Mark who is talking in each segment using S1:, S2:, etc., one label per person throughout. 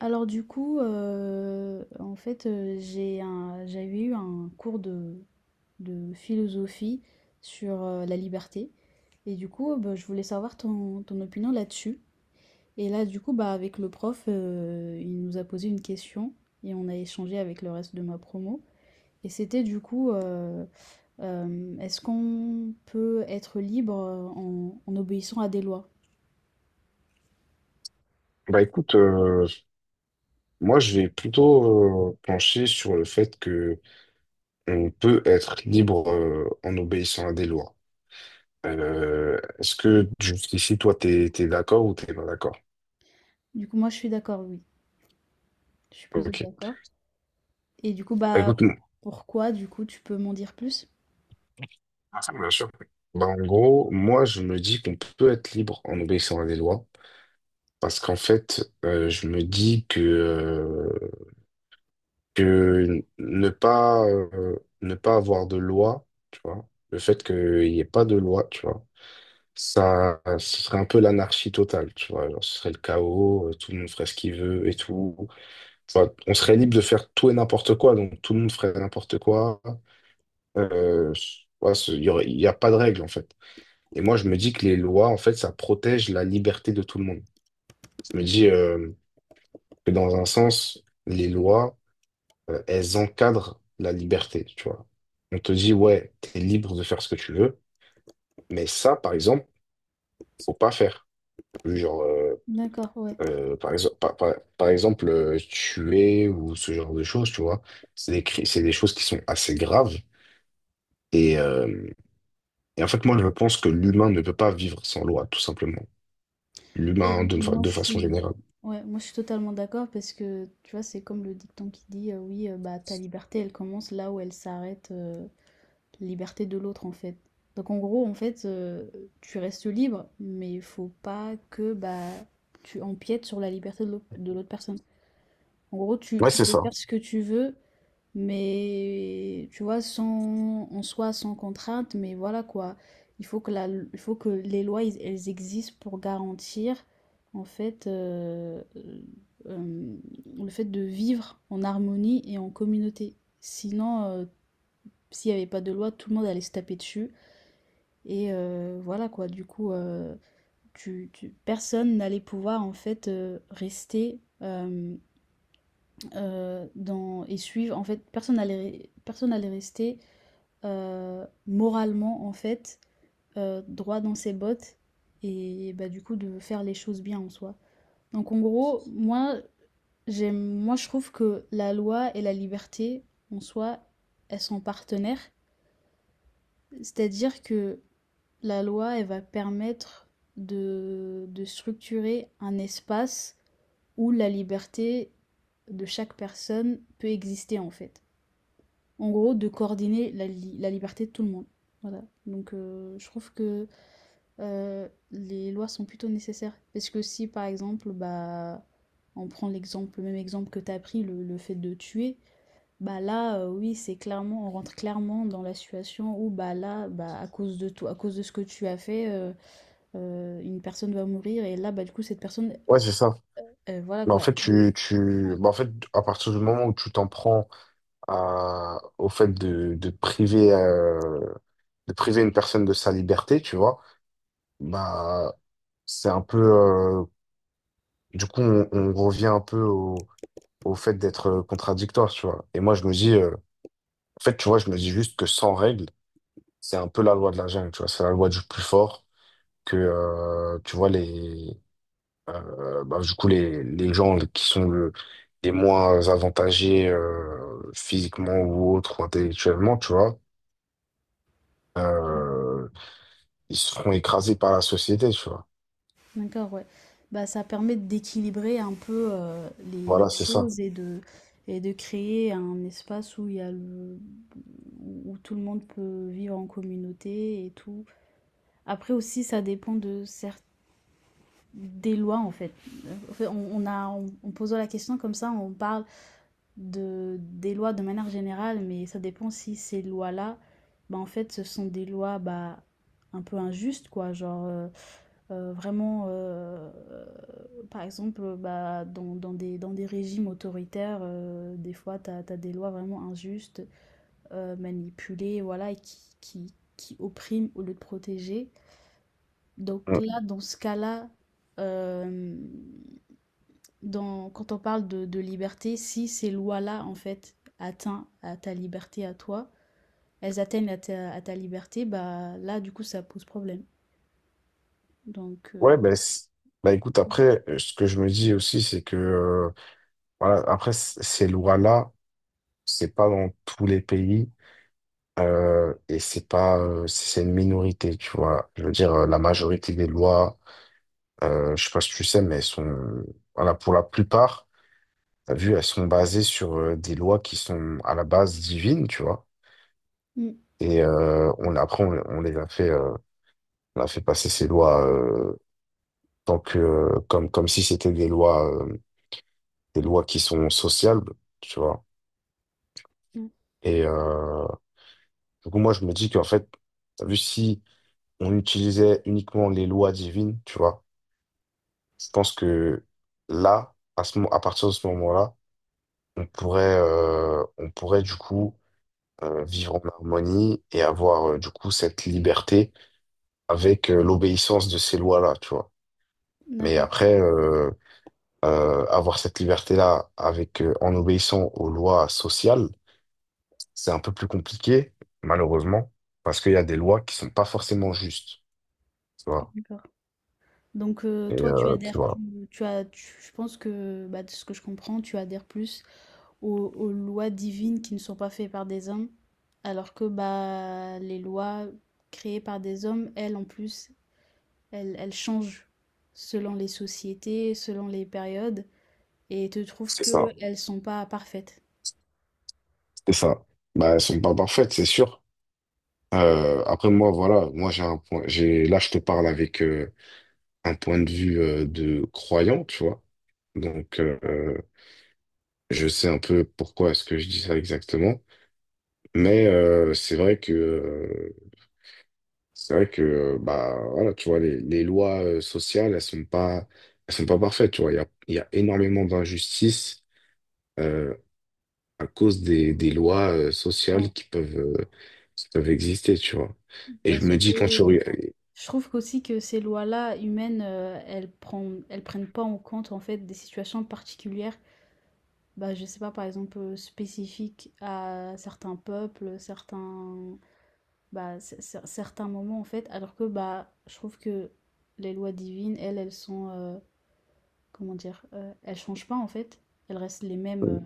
S1: Alors du coup, en fait, j'avais eu un cours de philosophie sur, la liberté. Et du coup, bah, je voulais savoir ton opinion là-dessus. Et là, du coup, bah, avec le prof, il nous a posé une question et on a échangé avec le reste de ma promo. Et c'était du coup, est-ce qu'on peut être libre, en obéissant à des lois?
S2: Bah écoute, moi je vais plutôt pencher sur le fait que on peut être libre en obéissant à des lois. Est-ce que jusqu'ici toi t'es d'accord ou t'es pas d'accord?
S1: Du coup, moi, je suis d'accord, oui. Je suis plutôt
S2: Ok.
S1: d'accord. Et du coup,
S2: Bah,
S1: bah,
S2: écoute, non.
S1: pourquoi, du coup, tu peux m'en dire plus?
S2: Ah, ça, bien sûr. Bah, en gros, moi je me dis qu'on peut être libre en obéissant à des lois parce qu'en fait je me dis que ne pas ne pas avoir de loi, tu vois, le fait qu'il n'y ait pas de loi, tu vois. Ça, ce serait un peu l'anarchie totale, tu vois. Genre, ce serait le chaos, tout le monde ferait ce qu'il veut et tout. Tu on serait libre de faire tout et n'importe quoi, donc tout le monde ferait n'importe quoi. Euh, ouais, il y il y a pas de règles, en fait. Et moi, je me dis que les lois, en fait, ça protège la liberté de tout le monde. Je me dis que dans un sens, les lois, elles encadrent la liberté, tu vois. On te dit, ouais, t'es libre de faire ce que tu veux, mais ça, par exemple, faut pas faire. Genre,
S1: D'accord, ouais.
S2: Par exemple, par exemple tuer ou ce genre de choses, tu vois. C'est des choses qui sont assez graves. Et, euh, et en fait, moi, je pense que l'humain ne peut pas vivre sans loi, tout simplement.
S1: Et
S2: L'humain,
S1: moi,
S2: de
S1: je
S2: façon
S1: suis,
S2: générale.
S1: ouais, moi, je suis totalement d'accord parce que, tu vois, c'est comme le dicton qui dit, oui, bah, ta liberté, elle commence là où elle s'arrête, la liberté de l'autre, en fait. Donc, en gros, en fait, tu restes libre, mais il faut pas que, bah, tu empiètes sur la liberté de l'autre personne. En gros,
S2: Ouais,
S1: tu
S2: c'est
S1: peux
S2: ça.
S1: faire ce que tu veux, mais tu vois, sans, en soi, sans contrainte, mais voilà quoi. Il faut que, il faut que les lois, elles existent pour garantir, en fait, euh, le fait de vivre en harmonie et en communauté. Sinon, s'il n'y avait pas de loi, tout le monde allait se taper dessus. Et voilà quoi, du coup, personne n'allait pouvoir, en fait, rester dans, et suivre. En fait, personne n'allait rester moralement en fait droit dans ses bottes et bah du coup de faire les choses bien en soi. Donc en gros, moi je trouve que la loi et la liberté en soi, elles sont partenaires, c'est-à-dire que la loi elle va permettre de structurer un espace où la liberté de chaque personne peut exister en fait. En gros, de coordonner la liberté de tout le monde. Voilà. Donc, je trouve que les lois sont plutôt nécessaires. Parce que si, par exemple, bah, on prend l'exemple, le même exemple que tu as pris, le fait de tuer, bah là, oui, on rentre clairement dans la situation où, bah là, bah, à cause de toi, à cause de ce que tu as fait, une personne va mourir. Et là, bah, du coup, cette personne,
S2: Ouais, c'est ça.
S1: voilà
S2: Mais en
S1: quoi,
S2: fait,
S1: elle-
S2: tu... bah, en fait, à partir du moment où tu t'en prends à... au fait de priver une personne de sa liberté, tu vois, bah, c'est un peu, du coup, on revient un peu au, au fait d'être contradictoire, tu vois. Et moi, je me dis, en fait, tu vois, je me dis juste que sans règles, c'est un peu la loi de la jungle, tu vois. C'est la loi du plus fort, que, tu vois, bah, du coup, les gens qui sont le- les moins avantagés, physiquement ou autre, ou intellectuellement, tu vois, euh, ils seront écrasés par la société, tu vois.
S1: D'accord, ouais. Bah, ça permet d'équilibrer un peu
S2: Voilà,
S1: les
S2: c'est ça.
S1: choses et de créer un espace où il y a le- où tout le monde peut vivre en communauté et tout. Après aussi, ça dépend des lois en fait. En fait, on a, en posant la question comme ça, on parle de, des lois de manière générale, mais ça dépend si ces lois-là, bah, en fait, ce sont des lois bah, un peu injustes, quoi. Genre, vraiment, par exemple, bah, dans des régimes autoritaires, des fois tu as des lois vraiment injustes, manipulées, voilà, et qui oppriment au lieu de protéger. Donc
S2: Mm.
S1: là, dans ce cas-là, hem, dans quand on parle de liberté, si ces lois-là, en fait, atteint à ta liberté à toi, elles atteignent à ta liberté, bah, là, du coup, ça pose problème. Donc
S2: Ouais, ben, c'est- bah, écoute, après, ce que je me dis aussi, c'est que, voilà, après, ces lois-là, c'est pas dans tous les pays et c'est pas c'est une minorité, tu vois. Je veux dire, la majorité des lois, je sais pas si tu sais, mais elles sont voilà pour la plupart, t'as vu, elles sont basées sur des lois qui sont à la base divines, tu vois.
S1: mmh,
S2: Et on les a fait on a fait passer ces lois tant que comme si c'était des lois qui sont sociales, tu vois.
S1: mmh,
S2: Et du coup moi je me dis qu'en fait, t'as vu si on utilisait uniquement les lois divines, tu vois. Je pense que là, à partir de ce moment-là, on pourrait du coup vivre en harmonie et avoir du coup cette liberté avec l'obéissance de ces lois-là, tu vois. Mais après, avoir cette liberté-là avec en obéissant aux lois sociales, c'est un peu plus compliqué, malheureusement, parce qu'il y a des lois qui sont pas forcément justes, tu vois.
S1: d'accord. Donc
S2: Et
S1: toi, tu
S2: tu
S1: adhères
S2: vois,
S1: plus tu as tu je pense que, bah, de ce que je comprends, tu adhères plus aux lois divines qui ne sont pas faites par des hommes, alors que, bah, les lois créées par des hommes, elles, en plus, elles changent selon les sociétés, selon les périodes et te trouves
S2: c'est
S1: que
S2: ça.
S1: elles sont pas parfaites.
S2: C'est ça. Bah, elles sont pas parfaites, c'est sûr. Après moi, voilà, moi j'ai là je te parle avec un point de vue de croyant, tu vois. Donc je sais un peu pourquoi est-ce que je dis ça exactement, mais c'est vrai que bah voilà, tu vois les lois sociales, elles sont pas parfaites, tu vois. Il y a énormément d'injustices. euh, à cause des lois sociales
S1: Ouais,
S2: qui peuvent exister, tu vois. Et je
S1: parce
S2: me
S1: que
S2: dis quand tu regardes...
S1: je trouve qu'aussi que ces lois-là humaines, elles prennent pas en compte, en fait, des situations particulières. Bah, je sais pas, par exemple, spécifiques à certains peuples, certains, bah, certains moments en fait, alors que bah, je trouve que les lois divines, elles, elles sont, comment dire, elles changent pas en fait, elles restent les mêmes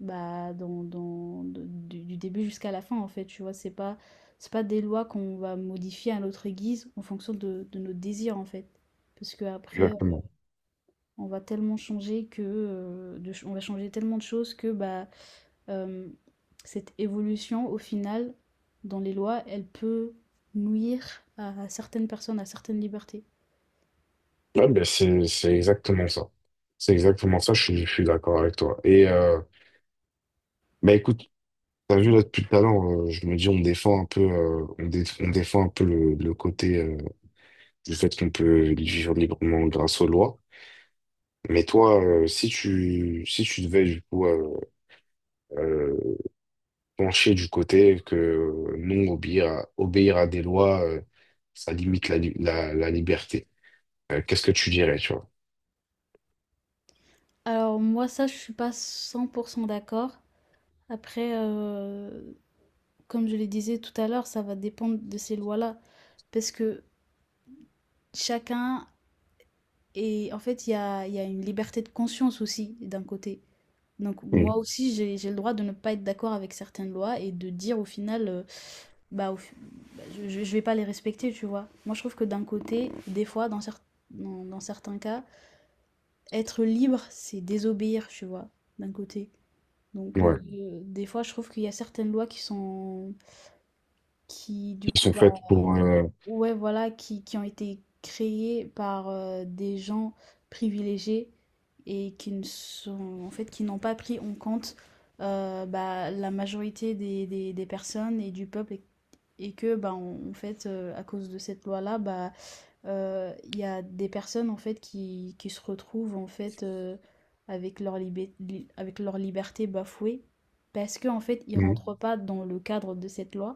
S1: bah, du début jusqu'à la fin en fait, tu vois, c'est pas des lois qu'on va modifier à notre guise en fonction de nos désirs en fait, parce que après,
S2: Exactement.
S1: on va tellement changer que, on va changer tellement de choses que bah, euh, cette évolution, au final, dans les lois, elle peut nuire à certaines personnes, à certaines libertés.
S2: C'est exactement ça. C'est exactement ça, je suis d'accord avec toi. Et bah écoute, t'as vu là depuis tout à l'heure, je me dis on défend un peu, on défend un peu le côté du fait qu'on peut vivre librement grâce aux lois. Mais toi, si tu devais du coup euh, pencher du côté que non, obéir à des lois, ça limite la, la liberté. Qu'est-ce que tu dirais, tu vois?
S1: Alors moi, ça, je suis pas cent pour cent d'accord. Après, comme je le disais tout à l'heure, ça va dépendre de ces lois-là. Parce que chacun et en fait, il y a une liberté de conscience aussi, d'un côté. Donc
S2: Mm.
S1: moi aussi, j'ai le droit de ne pas être d'accord avec certaines lois et de dire au final, bah, au bah, je vais pas les respecter, tu vois. Moi, je trouve que d'un côté, des fois, dans certains cas, être libre, c'est désobéir, tu vois, d'un côté. Donc,
S2: Ouais,
S1: des fois, je trouve qu'il y a certaines lois qui sont, qui, du
S2: qui
S1: coup,
S2: sont
S1: bah,
S2: faites pour...
S1: ouais, voilà, qui ont été créées par des gens privilégiés et qui ne sont, en fait, qui n'ont pas pris en compte bah, la majorité des personnes et du peuple, et que bah, en fait à cause de cette loi là bah il y a des personnes en fait qui se retrouvent en fait avec leur avec leur liberté bafouée parce que en fait ils
S2: mm.
S1: rentrent pas dans le cadre de cette loi.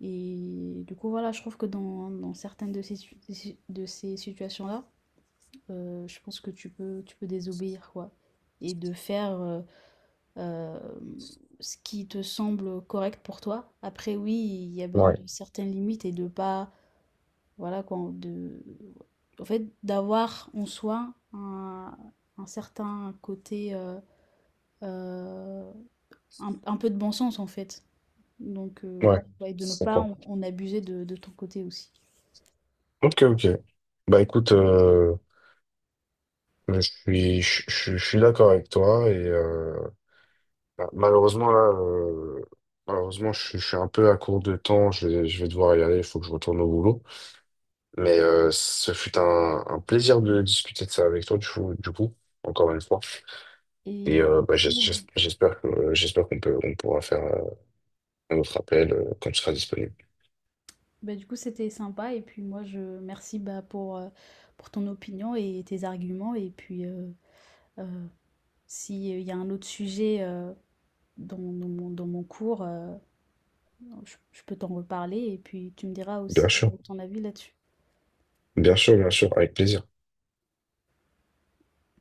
S1: Et du coup voilà je trouve que dans, dans certaines de ces su- de ces situations là je pense que tu peux désobéir quoi et de faire euh, ce qui te semble correct pour toi. Après, oui, il y a besoin de
S2: Ouais,
S1: certaines limites et de pas, voilà quoi, de, en fait, d'avoir en soi un certain côté, euh, un peu de bon sens en fait. Donc, ouais,
S2: ouais,
S1: ouais, de ne
S2: je
S1: pas
S2: comprends.
S1: en abuser de ton côté aussi.
S2: Ok, ok. Bah écoute, je suis d'accord avec toi et bah, malheureusement là, malheureusement je suis un peu à court de temps, je vais devoir y aller, il faut que je retourne au boulot. Mais ce fut un plaisir de discuter de ça avec toi, du coup, encore une fois.
S1: Et
S2: Et bah, j'espère que j'espère qu'on peut on pourra faire un autre appel quand tu seras disponible.
S1: bah, du coup, c'était sympa. Et puis moi, je merci bah, pour ton opinion et tes arguments. Et puis, euh, s'il y a un autre sujet, dans mon cours, je peux t'en reparler et puis tu me diras
S2: Bien
S1: aussi,
S2: sûr,
S1: ton avis là-dessus.
S2: bien sûr, bien sûr, avec plaisir.